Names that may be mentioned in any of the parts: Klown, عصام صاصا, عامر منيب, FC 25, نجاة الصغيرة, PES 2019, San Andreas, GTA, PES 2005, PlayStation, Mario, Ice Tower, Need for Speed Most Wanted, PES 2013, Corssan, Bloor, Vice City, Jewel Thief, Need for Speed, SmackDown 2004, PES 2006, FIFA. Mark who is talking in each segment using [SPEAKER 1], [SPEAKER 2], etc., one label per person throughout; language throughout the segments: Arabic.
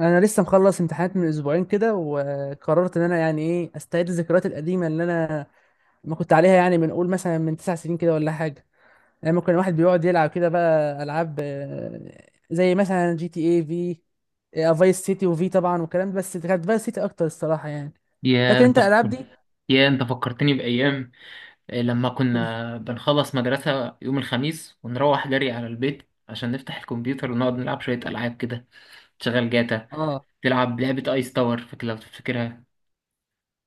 [SPEAKER 1] انا لسه مخلص امتحانات من اسبوعين كده، وقررت ان انا يعني ايه استعيد الذكريات القديمه اللي انا ما كنت عليها، يعني من قول مثلا من 9 سنين كده ولا حاجه. لما كان الواحد بيقعد يلعب كده، بقى العاب زي مثلا جي تي اي في، فايس سيتي وفي طبعا والكلام ده، بس كانت فايس سيتي اكتر الصراحه يعني.
[SPEAKER 2] يا
[SPEAKER 1] فاكر
[SPEAKER 2] انت
[SPEAKER 1] انت الالعاب دي؟
[SPEAKER 2] يا انت فكرتني بأيام. لما كنا بنخلص مدرسة يوم الخميس ونروح جري على البيت، عشان نفتح الكمبيوتر ونقعد نلعب شوية ألعاب كده. تشغل جاتا،
[SPEAKER 1] اه.
[SPEAKER 2] تلعب لعبة ايس تاور. فاكر لو تفتكرها؟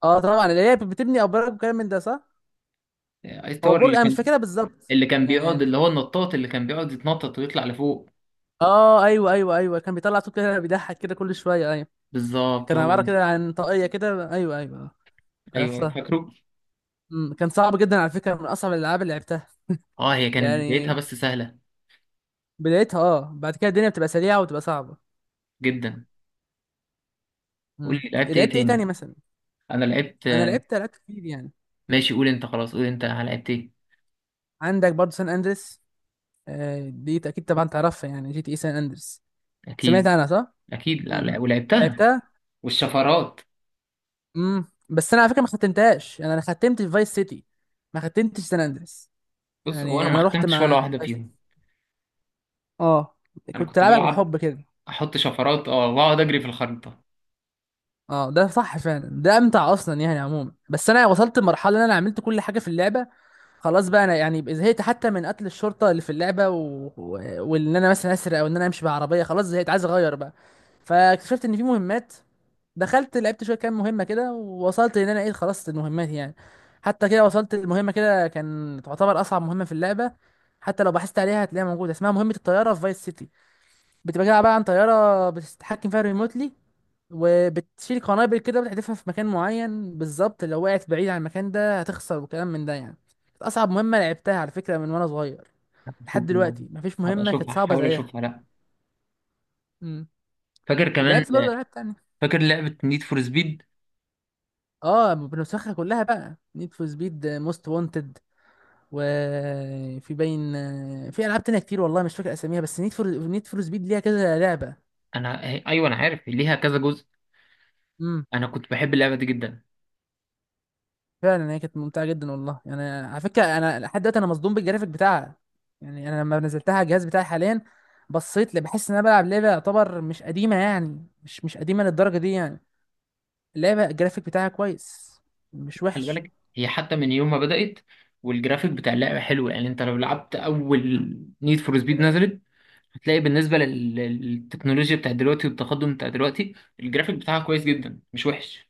[SPEAKER 1] اه طبعا، اللي هي بتبني ابراج وكلام من ده، صح؟
[SPEAKER 2] ايس
[SPEAKER 1] هو
[SPEAKER 2] تاور
[SPEAKER 1] برج،
[SPEAKER 2] اللي
[SPEAKER 1] انا مش
[SPEAKER 2] كان
[SPEAKER 1] فاكرها بالظبط.
[SPEAKER 2] اللي كان
[SPEAKER 1] يعني
[SPEAKER 2] بيقعد،
[SPEAKER 1] مش...
[SPEAKER 2] اللي هو النطاط اللي كان بيقعد يتنطط ويطلع لفوق.
[SPEAKER 1] اه ايوه ايوه ايوه، كان بيطلع صوت كده بيضحك كده كل شويه، ايوه.
[SPEAKER 2] بالظبط
[SPEAKER 1] كان
[SPEAKER 2] هو
[SPEAKER 1] عباره
[SPEAKER 2] ده.
[SPEAKER 1] كده عن طاقيه كده، ايوه ايوه. أه،
[SPEAKER 2] ايوه،
[SPEAKER 1] عرفتها.
[SPEAKER 2] فاكره.
[SPEAKER 1] كان صعب جدا، على فكره من اصعب الالعاب اللي لعبتها.
[SPEAKER 2] اه، هي كانت بدايتها
[SPEAKER 1] يعني
[SPEAKER 2] بس سهلة
[SPEAKER 1] بدايتها، اه، بعد كده الدنيا بتبقى سريعه وتبقى صعبه.
[SPEAKER 2] جدا. قول لي، لعبت ايه
[SPEAKER 1] لعبت ايه
[SPEAKER 2] تاني؟
[SPEAKER 1] تاني مثلا؟
[SPEAKER 2] انا لعبت.
[SPEAKER 1] انا لعبت كتير يعني.
[SPEAKER 2] ماشي، قول انت، خلاص قول انت لعبت ايه.
[SPEAKER 1] عندك برضه سان اندريس، دي اكيد طبعا تعرفها، يعني جي تي اي سان اندريس. سمعت
[SPEAKER 2] اكيد.
[SPEAKER 1] عنها، صح؟
[SPEAKER 2] اكيد، لا
[SPEAKER 1] امم
[SPEAKER 2] لا، ولعبتها،
[SPEAKER 1] لعبتها.
[SPEAKER 2] والشفرات.
[SPEAKER 1] بس انا على فكره، ما ختمتهاش. يعني انا ختمت في فايس سيتي، ما ختمتش سان اندريس.
[SPEAKER 2] بص، هو
[SPEAKER 1] يعني
[SPEAKER 2] انا ما
[SPEAKER 1] انا رحت
[SPEAKER 2] ختمتش ولا
[SPEAKER 1] مع
[SPEAKER 2] واحده
[SPEAKER 1] فايس سيتي،
[SPEAKER 2] فيهم.
[SPEAKER 1] اه.
[SPEAKER 2] انا
[SPEAKER 1] كنت
[SPEAKER 2] كنت
[SPEAKER 1] العبك
[SPEAKER 2] بلعب،
[SPEAKER 1] بالحب كده.
[SPEAKER 2] احط شفرات واقعد اجري في الخريطه.
[SPEAKER 1] اه، ده صح فعلا، ده امتع اصلا يعني عموما. بس انا وصلت لمرحله ان انا عملت كل حاجه في اللعبه، خلاص بقى انا يعني زهقت، حتى من قتل الشرطه اللي في اللعبه، و... وان انا مثلا اسرق، او ان انا امشي بعربيه، خلاص زهقت عايز اغير بقى. فاكتشفت ان في مهمات، دخلت لعبت شويه كام مهمه كده، ووصلت ان انا ايه، خلصت المهمات يعني. حتى كده وصلت المهمه كده، كان تعتبر اصعب مهمه في اللعبه. حتى لو بحثت عليها هتلاقيها موجوده، اسمها مهمه الطياره في فايس سيتي. بتبقى عباره عن طياره بتتحكم فيها ريموتلي، وبتشيل قنابل كده بتحدفها في مكان معين بالظبط. لو وقعت بعيد عن المكان ده هتخسر، وكلام من ده يعني. كانت اصعب مهمه لعبتها على فكره، من وانا صغير. لحد
[SPEAKER 2] اشوف الموضوع.
[SPEAKER 1] دلوقتي مفيش
[SPEAKER 2] هبقى
[SPEAKER 1] مهمه كانت
[SPEAKER 2] اشوفها،
[SPEAKER 1] صعبه
[SPEAKER 2] احاول
[SPEAKER 1] زيها.
[SPEAKER 2] اشوفها، لا.
[SPEAKER 1] امم
[SPEAKER 2] فاكر كمان؟
[SPEAKER 1] لعبت برضه العاب تانية.
[SPEAKER 2] فاكر لعبه نيد فور سبيد؟
[SPEAKER 1] اه، بنسخها كلها بقى، نيد فور سبيد موست وانتد، وفي باين. في العاب تانية كتير، والله مش فاكر اساميها، بس نيد فور سبيد ليها كذا لعبه.
[SPEAKER 2] انا ايوه، انا عارف ليها كذا جزء.
[SPEAKER 1] امم
[SPEAKER 2] انا كنت بحب اللعبه دي جدا.
[SPEAKER 1] فعلا هي كانت ممتعه جدا والله، يعني على فكره انا لحد دلوقتي انا مصدوم بالجرافيك بتاعها. يعني انا لما نزلتها على الجهاز بتاعي حاليا، بصيت لي بحس ان انا بلعب لعبه يعتبر مش قديمه، يعني مش قديمه للدرجه دي يعني. اللعبه الجرافيك بتاعها كويس، مش
[SPEAKER 2] خلي
[SPEAKER 1] وحش.
[SPEAKER 2] بالك، هي حتى من يوم ما بدات والجرافيك بتاع اللعبه حلو. يعني انت لو لعبت اول نيد فور سبيد نزلت، هتلاقي بالنسبه للتكنولوجيا بتاع دلوقتي والتقدم بتاع دلوقتي، الجرافيك بتاعها كويس جدا، مش وحش.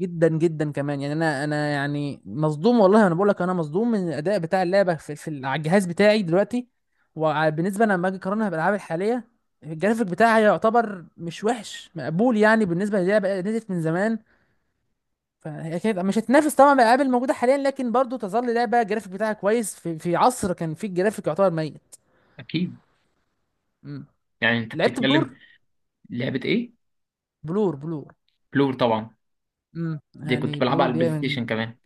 [SPEAKER 1] جدا جدا كمان يعني انا يعني مصدوم والله، انا بقول لك انا مصدوم من الاداء بتاع اللعبه على الجهاز بتاعي دلوقتي. وبالنسبه لما اجي اقارنها بالالعاب الحاليه، الجرافيك بتاعها يعتبر مش وحش، مقبول يعني بالنسبه للعبه نزلت من زمان. فهي كانت مش هتنافس طبعا الالعاب الموجوده حاليا، لكن برضو تظل لعبه الجرافيك بتاعها كويس في عصر كان فيه الجرافيك يعتبر ميت.
[SPEAKER 2] اكيد.
[SPEAKER 1] امم
[SPEAKER 2] يعني انت
[SPEAKER 1] لعبت بلور،
[SPEAKER 2] بتتكلم. لعبة ايه؟
[SPEAKER 1] بلور بلور.
[SPEAKER 2] بلور طبعا، دي كنت
[SPEAKER 1] يعني
[SPEAKER 2] بلعبها
[SPEAKER 1] بلور
[SPEAKER 2] على
[SPEAKER 1] دي
[SPEAKER 2] البلاي
[SPEAKER 1] من،
[SPEAKER 2] ستيشن كمان.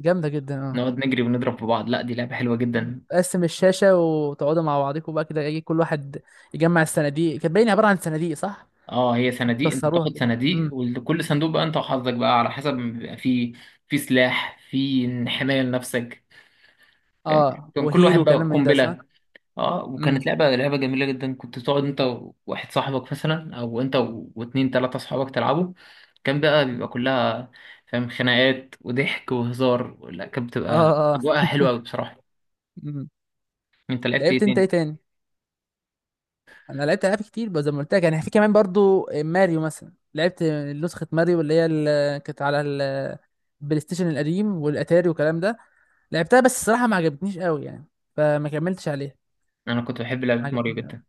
[SPEAKER 1] جامده جدا اه.
[SPEAKER 2] نقعد نجري ونضرب في بعض. لا دي لعبة حلوة جدا.
[SPEAKER 1] تقسم الشاشه وتقعدوا مع بعضكم بقى كده، يجي كل واحد يجمع الصناديق. كانت باينه عباره عن صناديق، صح؟
[SPEAKER 2] اه، هي صناديق. انت
[SPEAKER 1] كسروها
[SPEAKER 2] بتاخد
[SPEAKER 1] كده.
[SPEAKER 2] صناديق،
[SPEAKER 1] امم
[SPEAKER 2] وكل صندوق بقى انت وحظك بقى، على حسب ما بيبقى في. في سلاح، في حماية لنفسك. فاهم.
[SPEAKER 1] اه،
[SPEAKER 2] كان كل
[SPEAKER 1] وهيل
[SPEAKER 2] واحد بقى
[SPEAKER 1] وكلام من ده، صح.
[SPEAKER 2] قنبلة. اه،
[SPEAKER 1] امم
[SPEAKER 2] وكانت لعبة جميلة جدا. كنت تقعد انت وواحد صاحبك مثلا، او انت واتنين تلاتة صحابك تلعبوا. كان بقى بيبقى كلها، فاهم، خناقات وضحك وهزار. لا كانت
[SPEAKER 1] اه
[SPEAKER 2] بتبقى
[SPEAKER 1] اه
[SPEAKER 2] اجواءها حلوة أوي بصراحة.
[SPEAKER 1] امم
[SPEAKER 2] انت لعبت ايه
[SPEAKER 1] لعبت انت
[SPEAKER 2] تاني؟
[SPEAKER 1] ايه تاني؟ انا لعبت العاب كتير بقى، زي ما قلت لك يعني، في كمان برضو ماريو مثلا لعبت. نسخه ماريو اللي كانت على البلاي ستيشن القديم والاتاري والكلام ده. لعبتها، بس الصراحه ما عجبتنيش قوي يعني، فما كملتش عليها.
[SPEAKER 2] انا كنت بحب
[SPEAKER 1] ما
[SPEAKER 2] لعبة ماريو
[SPEAKER 1] عجبتنيش قوي
[SPEAKER 2] جدا.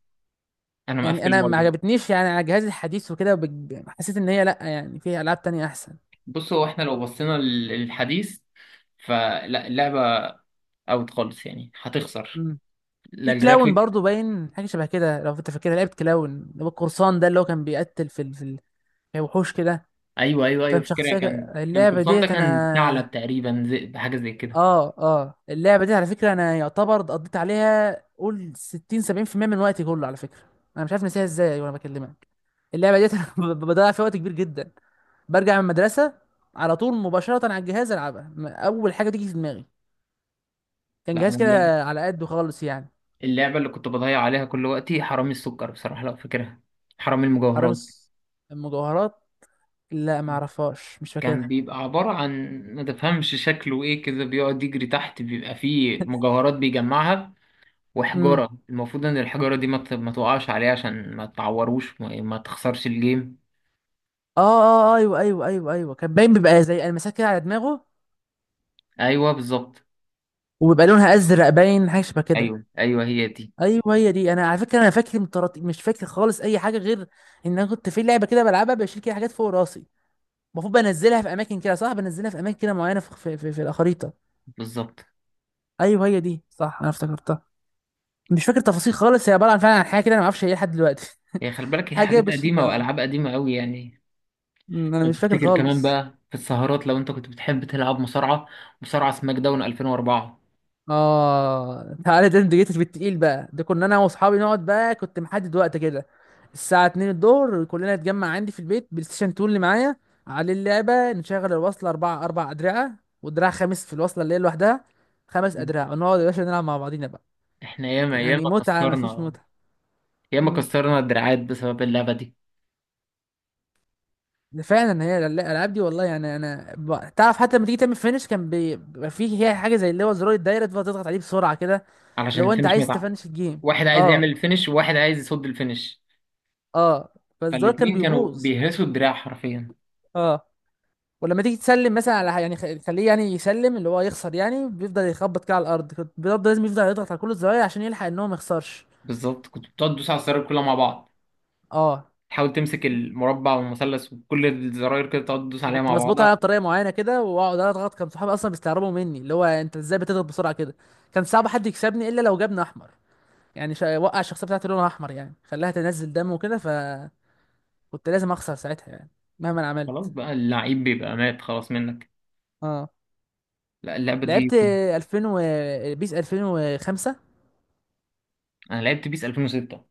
[SPEAKER 2] انا
[SPEAKER 1] يعني.
[SPEAKER 2] مقفل
[SPEAKER 1] انا ما
[SPEAKER 2] ماريو.
[SPEAKER 1] عجبتنيش يعني على جهازي الحديث وكده، حسيت ان هي لا، يعني في العاب تانية احسن.
[SPEAKER 2] بص، هو احنا لو بصينا للحديث، فلا اللعبة اوت خالص، يعني هتخسر.
[SPEAKER 1] امم في
[SPEAKER 2] لا
[SPEAKER 1] كلاون
[SPEAKER 2] الجرافيك.
[SPEAKER 1] برضو باين حاجه شبه كده، لو انت فاكرها. لعبت كلاون اللي هو القرصان ده، اللي هو كان بيقتل في وحوش كده.
[SPEAKER 2] ايوه ايوه ايوه،
[SPEAKER 1] كان
[SPEAKER 2] فاكرها.
[SPEAKER 1] شخصيه.
[SPEAKER 2] كان
[SPEAKER 1] اللعبه
[SPEAKER 2] كورسان، ده
[SPEAKER 1] ديت
[SPEAKER 2] كان
[SPEAKER 1] انا
[SPEAKER 2] ثعلب تقريبا، زي حاجة زي كده.
[SPEAKER 1] اه اه اللعبه دي على فكره، انا يعتبر قضيت عليها قول 60 70% من وقتي كله على فكره. انا مش عارف نسيها ازاي وانا بكلمك. اللعبه ديت انا بضيع فيها وقت كبير جدا. برجع من المدرسه على طول مباشره على الجهاز العبها، اول حاجه تيجي في دماغي. كان
[SPEAKER 2] لا
[SPEAKER 1] جهاز
[SPEAKER 2] انا
[SPEAKER 1] كده على قده خالص يعني.
[SPEAKER 2] اللعبة اللي كنت بضيع عليها كل وقتي، حرامي السكر، بصراحة، لو فاكرها. حرامي
[SPEAKER 1] حرامي
[SPEAKER 2] المجوهرات.
[SPEAKER 1] المجوهرات؟ لا، ما اعرفهاش، مش
[SPEAKER 2] كان
[SPEAKER 1] فاكرها.
[SPEAKER 2] بيبقى عبارة عن، ما تفهمش شكله ايه كده، بيقعد يجري تحت، بيبقى فيه مجوهرات بيجمعها.
[SPEAKER 1] امم
[SPEAKER 2] وحجارة، المفروض ان الحجارة دي ما تقعش عليه، عشان ما تعوروش، ما تخسرش الجيم.
[SPEAKER 1] ايوه ايوه ايوه ايوه، كان باين بيبقى زي المسات كده على دماغه،
[SPEAKER 2] ايوه بالظبط.
[SPEAKER 1] وبيبقى لونها ازرق، باين حاجه شبه كده.
[SPEAKER 2] ايوه ايوه هي دي.
[SPEAKER 1] ايوه هي دي. انا على فكره انا فاكر من طراطيف، مش فاكر خالص اي حاجه غير ان انا كنت في لعبه كده بلعبها، بشيل كده حاجات فوق راسي، المفروض بنزلها في اماكن كده، صح، بنزلها في اماكن كده معينه في الخريطه.
[SPEAKER 2] بالظبط
[SPEAKER 1] ايوه هي دي صح، انا افتكرتها. مش فاكر تفاصيل خالص، هي عباره عن فعلا عن حاجه كده انا ما اعرفش هي إيه لحد دلوقتي.
[SPEAKER 2] هي. خلي بالك، هي
[SPEAKER 1] حاجه
[SPEAKER 2] حاجات
[SPEAKER 1] بشيل،
[SPEAKER 2] قديمة
[SPEAKER 1] اه.
[SPEAKER 2] والعاب قديمة قوي يعني.
[SPEAKER 1] انا
[SPEAKER 2] لو
[SPEAKER 1] مش فاكر
[SPEAKER 2] تفتكر كمان،
[SPEAKER 1] خالص.
[SPEAKER 2] بقى في السهرات، لو انت كنت بتحب تلعب مصارعة، مصارعة سماك داون 2004.
[SPEAKER 1] اه تعالى، ده انت جيتش بالتقيل بقى، ده كنا انا واصحابي نقعد بقى، كنت محدد وقت كده، الساعه 2 الظهر كلنا نتجمع عندي في البيت، بلاي ستيشن 2 اللي معايا على اللعبه. نشغل الوصله، اربعه اربع ادرعه، ودراع خامس في الوصله اللي هي لوحدها، 5 ادراع، ونقعد يا باشا نلعب مع بعضينا بقى.
[SPEAKER 2] احنا ياما
[SPEAKER 1] يعني
[SPEAKER 2] ياما
[SPEAKER 1] متعه مفيش
[SPEAKER 2] كسرنا،
[SPEAKER 1] متعه.
[SPEAKER 2] ياما
[SPEAKER 1] مم.
[SPEAKER 2] كسرنا الدراعات بسبب اللعبة دي.
[SPEAKER 1] ده فعلا، هي الالعاب دي والله يعني. انا تعرف، حتى لما تيجي تعمل فينش، كان بيبقى فيه، هي حاجه زي اللي هو زرار الدايره، تفضل تضغط عليه بسرعه كده،
[SPEAKER 2] علشان
[SPEAKER 1] لو انت
[SPEAKER 2] الفينش ما
[SPEAKER 1] عايز
[SPEAKER 2] يتع-.
[SPEAKER 1] تفنش الجيم.
[SPEAKER 2] واحد عايز
[SPEAKER 1] اه
[SPEAKER 2] يعمل الفينش وواحد عايز يصد الفينش.
[SPEAKER 1] اه، فالزرار كان
[SPEAKER 2] فالاتنين كانوا
[SPEAKER 1] بيبوظ.
[SPEAKER 2] بيهرسوا الدراع حرفيا.
[SPEAKER 1] اه، ولما تيجي تسلم مثلا على يعني خليه يعني يسلم اللي هو يخسر، يعني بيفضل يخبط كده على الارض، كنت بيفضل لازم يفضل يضغط على كل الزراير عشان يلحق ان هو ما يخسرش.
[SPEAKER 2] بالظبط، كنت بتقعد تدوس على الزراير كلها مع بعض،
[SPEAKER 1] اه،
[SPEAKER 2] تحاول تمسك المربع والمثلث وكل الزراير كده، تقعد تدوس عليها
[SPEAKER 1] كنت
[SPEAKER 2] مع
[SPEAKER 1] بظبطها
[SPEAKER 2] بعضها.
[SPEAKER 1] انا بطريقه معينه كده واقعد اضغط، كان صحابي اصلا بيستغربوا مني اللي هو انت ازاي بتضغط بسرعه كده. كان صعب حد يكسبني الا لو جابني احمر. يعني وقع الشخصيه بتاعتي لونها احمر يعني، خلاها تنزل دم وكده، فكنت لازم اخسر ساعتها يعني، مهما انا
[SPEAKER 2] خلاص
[SPEAKER 1] عملت.
[SPEAKER 2] بقى، اللعيب بيبقى مات خلاص منك.
[SPEAKER 1] اه،
[SPEAKER 2] لا اللعبة دي
[SPEAKER 1] لعبت
[SPEAKER 2] كنت.
[SPEAKER 1] 2000 و بيس 2005.
[SPEAKER 2] انا لعبت بيس 2006.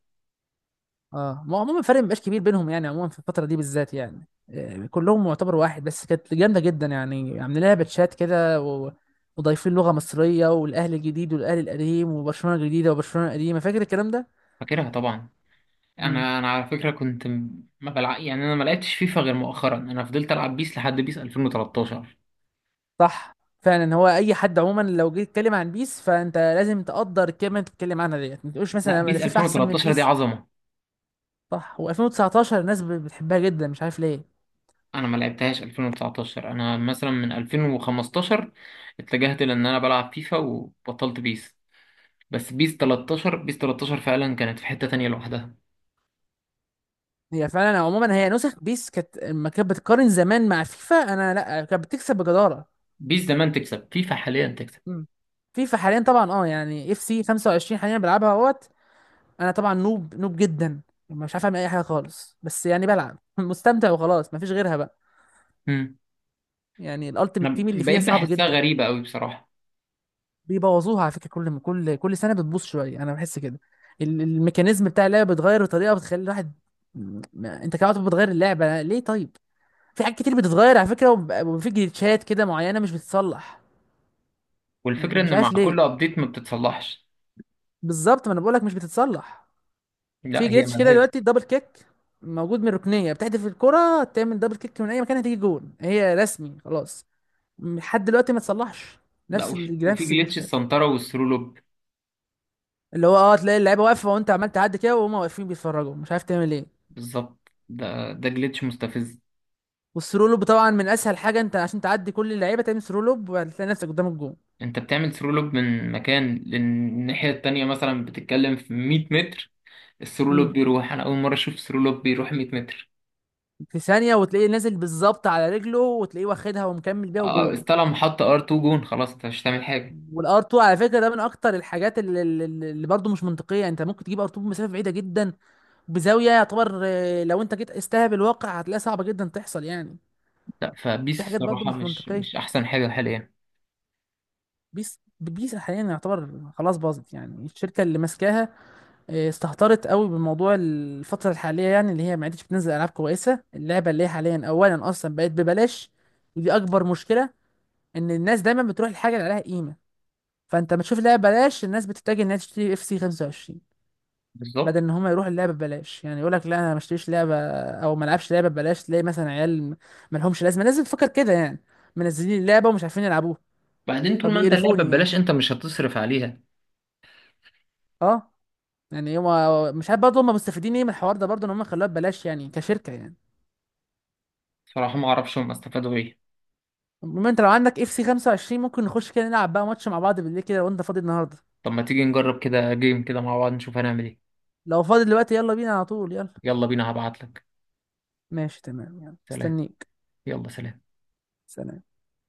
[SPEAKER 1] اه ما هو عموما الفرق مبقاش كبير بينهم، يعني عموما في الفترة دي بالذات يعني، كلهم معتبر واحد، بس كانت جامدة جدا يعني، عاملين لها باتشات كده وضايفين لغة مصرية والأهلي الجديد والأهلي القديم وبرشلونة الجديدة وبرشلونة القديمة، فاكر الكلام ده؟
[SPEAKER 2] فاكرها طبعا.
[SPEAKER 1] امم
[SPEAKER 2] انا على فكرة، كنت م- ما بلع... يعني انا ما لعبتش فيفا غير مؤخرا، انا فضلت العب بيس لحد بيس 2013.
[SPEAKER 1] صح فعلا، هو أي حد عموما لو جيت تتكلم عن بيس فأنت لازم تقدر الكلمة اللي بتتكلم عنها ديت، ما تقولش
[SPEAKER 2] لا،
[SPEAKER 1] مثلا أنا
[SPEAKER 2] بيس
[SPEAKER 1] فيفا أحسن من
[SPEAKER 2] 2013 دي
[SPEAKER 1] بيس.
[SPEAKER 2] عظمة.
[SPEAKER 1] صح، و2019 الناس بتحبها جدا مش عارف ليه.
[SPEAKER 2] انا ما لعبتهاش 2019، انا مثلا من 2015 اتجهت لان انا بلعب فيفا وبطلت بيس. بس بيس 13، بيس 13 فعلا كانت في حتة تانية لوحدها.
[SPEAKER 1] هي فعلا عموما، هي نسخ بيس كانت لما كانت بتقارن زمان مع فيفا، انا لا، كانت بتكسب بجداره.
[SPEAKER 2] بيس زمان تكسب، فيفا حاليا تكسب.
[SPEAKER 1] مم. فيفا حاليا طبعا، اه يعني اف سي 25 حاليا بلعبها اهوت. انا طبعا نوب نوب جدا، مش عارف اعمل اي حاجه خالص، بس يعني بلعب مستمتع وخلاص، مفيش غيرها بقى.
[SPEAKER 2] امم
[SPEAKER 1] يعني الالتيميت
[SPEAKER 2] انا
[SPEAKER 1] تيم اللي فيها
[SPEAKER 2] بقيت
[SPEAKER 1] صعب
[SPEAKER 2] بحسها
[SPEAKER 1] جدا.
[SPEAKER 2] غريبة قوي بصراحة.
[SPEAKER 1] بيبوظوها على فكره، كل سنه بتبوظ شويه، انا بحس كده. الميكانيزم بتاع اللعبه بيتغير بطريقه بتخلي الواحد، انت كده بتغير اللعبه ليه طيب؟ في حاجات كتير بتتغير على فكره، وفي جليتشات كده معينه مش بتتصلح،
[SPEAKER 2] والفكرة
[SPEAKER 1] يعني مش
[SPEAKER 2] ان مع
[SPEAKER 1] عارف ليه.
[SPEAKER 2] كل ابديت ما بتتصلحش.
[SPEAKER 1] بالظبط، ما انا بقولك مش بتتصلح. في
[SPEAKER 2] لا هي
[SPEAKER 1] جليتش كده
[SPEAKER 2] ملهاش.
[SPEAKER 1] دلوقتي دبل كيك، موجود من ركنيه بتحدف الكره تعمل دبل كيك من اي مكان، هتيجي جون هي رسمي خلاص، لحد دلوقتي ما تصلحش.
[SPEAKER 2] لا، وفي, وفي
[SPEAKER 1] نفس
[SPEAKER 2] جليتش
[SPEAKER 1] المشكله،
[SPEAKER 2] السنترة والثرو لوب.
[SPEAKER 1] اللي هو، اه، تلاقي اللعيبه واقفه وانت عمال تعدي كده، وهم واقفين بيتفرجوا مش عارف تعمل ايه.
[SPEAKER 2] بالظبط، ده جليتش مستفز.
[SPEAKER 1] والثرو لوب طبعا من اسهل حاجه، انت عشان تعدي كل اللعيبه تعمل ثرو لوب وهتلاقي نفسك قدام الجون.
[SPEAKER 2] انت بتعمل ثرو لوب من مكان للناحية التانية، مثلا بتتكلم في 100 متر. الثرو لوب
[SPEAKER 1] امم
[SPEAKER 2] بيروح، انا اول مرة اشوف ثرو لوب بيروح 100 متر.
[SPEAKER 1] في ثانيه وتلاقيه نازل بالظبط على رجله، وتلاقيه واخدها ومكمل بيها،
[SPEAKER 2] اه،
[SPEAKER 1] وجون.
[SPEAKER 2] استلم، حط ار 2، جون، خلاص انت مش هتعمل حاجة.
[SPEAKER 1] والار 2 على فكره، ده من اكتر الحاجات اللي برضه مش منطقيه. انت ممكن تجيب ار 2 بمسافه بعيده جدا، بزاويه يعتبر، لو انت جيت استهب الواقع هتلاقيها صعبه جدا تحصل يعني.
[SPEAKER 2] لا، فبيس
[SPEAKER 1] في حاجات برضه
[SPEAKER 2] الصراحة
[SPEAKER 1] مش
[SPEAKER 2] مش
[SPEAKER 1] منطقيه.
[SPEAKER 2] مش أحسن حاجة حاليا.
[SPEAKER 1] بيس حاليا يعتبر خلاص باظت، يعني الشركه اللي ماسكاها استهترت قوي بموضوع الفتره الحاليه يعني، اللي هي ما عادتش بتنزل العاب كويسه. اللعبه اللي هي حاليا اولا اصلا بقت ببلاش، ودي اكبر مشكله، ان الناس دايما بتروح الحاجه اللي عليها قيمه. فانت ما تشوف لعبه ببلاش، الناس بتتجه انها تشتري اف سي 25 بدل
[SPEAKER 2] بالظبط.
[SPEAKER 1] ان هم يروحوا اللعبه ببلاش، يعني يقول لك لا انا ما اشتريش لعبه، او ما العبش لعبه ببلاش تلاقي مثلا عيال ما لهمش لازمه، لازم تفكر كده يعني، منزلين اللعبه ومش عارفين يلعبوها،
[SPEAKER 2] بعدين طول ما أنت اللعبة
[SPEAKER 1] فبيقرفوني يعني.
[SPEAKER 2] ببلاش، أنت مش هتصرف عليها.
[SPEAKER 1] اه، يعني هما مش عارف برضه هم مستفيدين ايه من الحوار ده برضه ان هم خلوها ببلاش يعني كشركه يعني.
[SPEAKER 2] صراحة، ما أعرفش هم استفادوا إيه.
[SPEAKER 1] المهم انت لو عندك اف سي 25 ممكن نخش كده نلعب بقى ماتش مع بعض بالليل كده، لو انت فاضي النهارده.
[SPEAKER 2] طب ما تيجي نجرب كده جيم كده مع بعض، نشوف هنعمل إيه.
[SPEAKER 1] لو فاضي دلوقتي، يلا بينا على طول، يلا.
[SPEAKER 2] يلا بينا، هبعتلك.
[SPEAKER 1] ماشي تمام، يلا
[SPEAKER 2] سلام.
[SPEAKER 1] مستنيك.
[SPEAKER 2] يلا سلام.
[SPEAKER 1] سلام.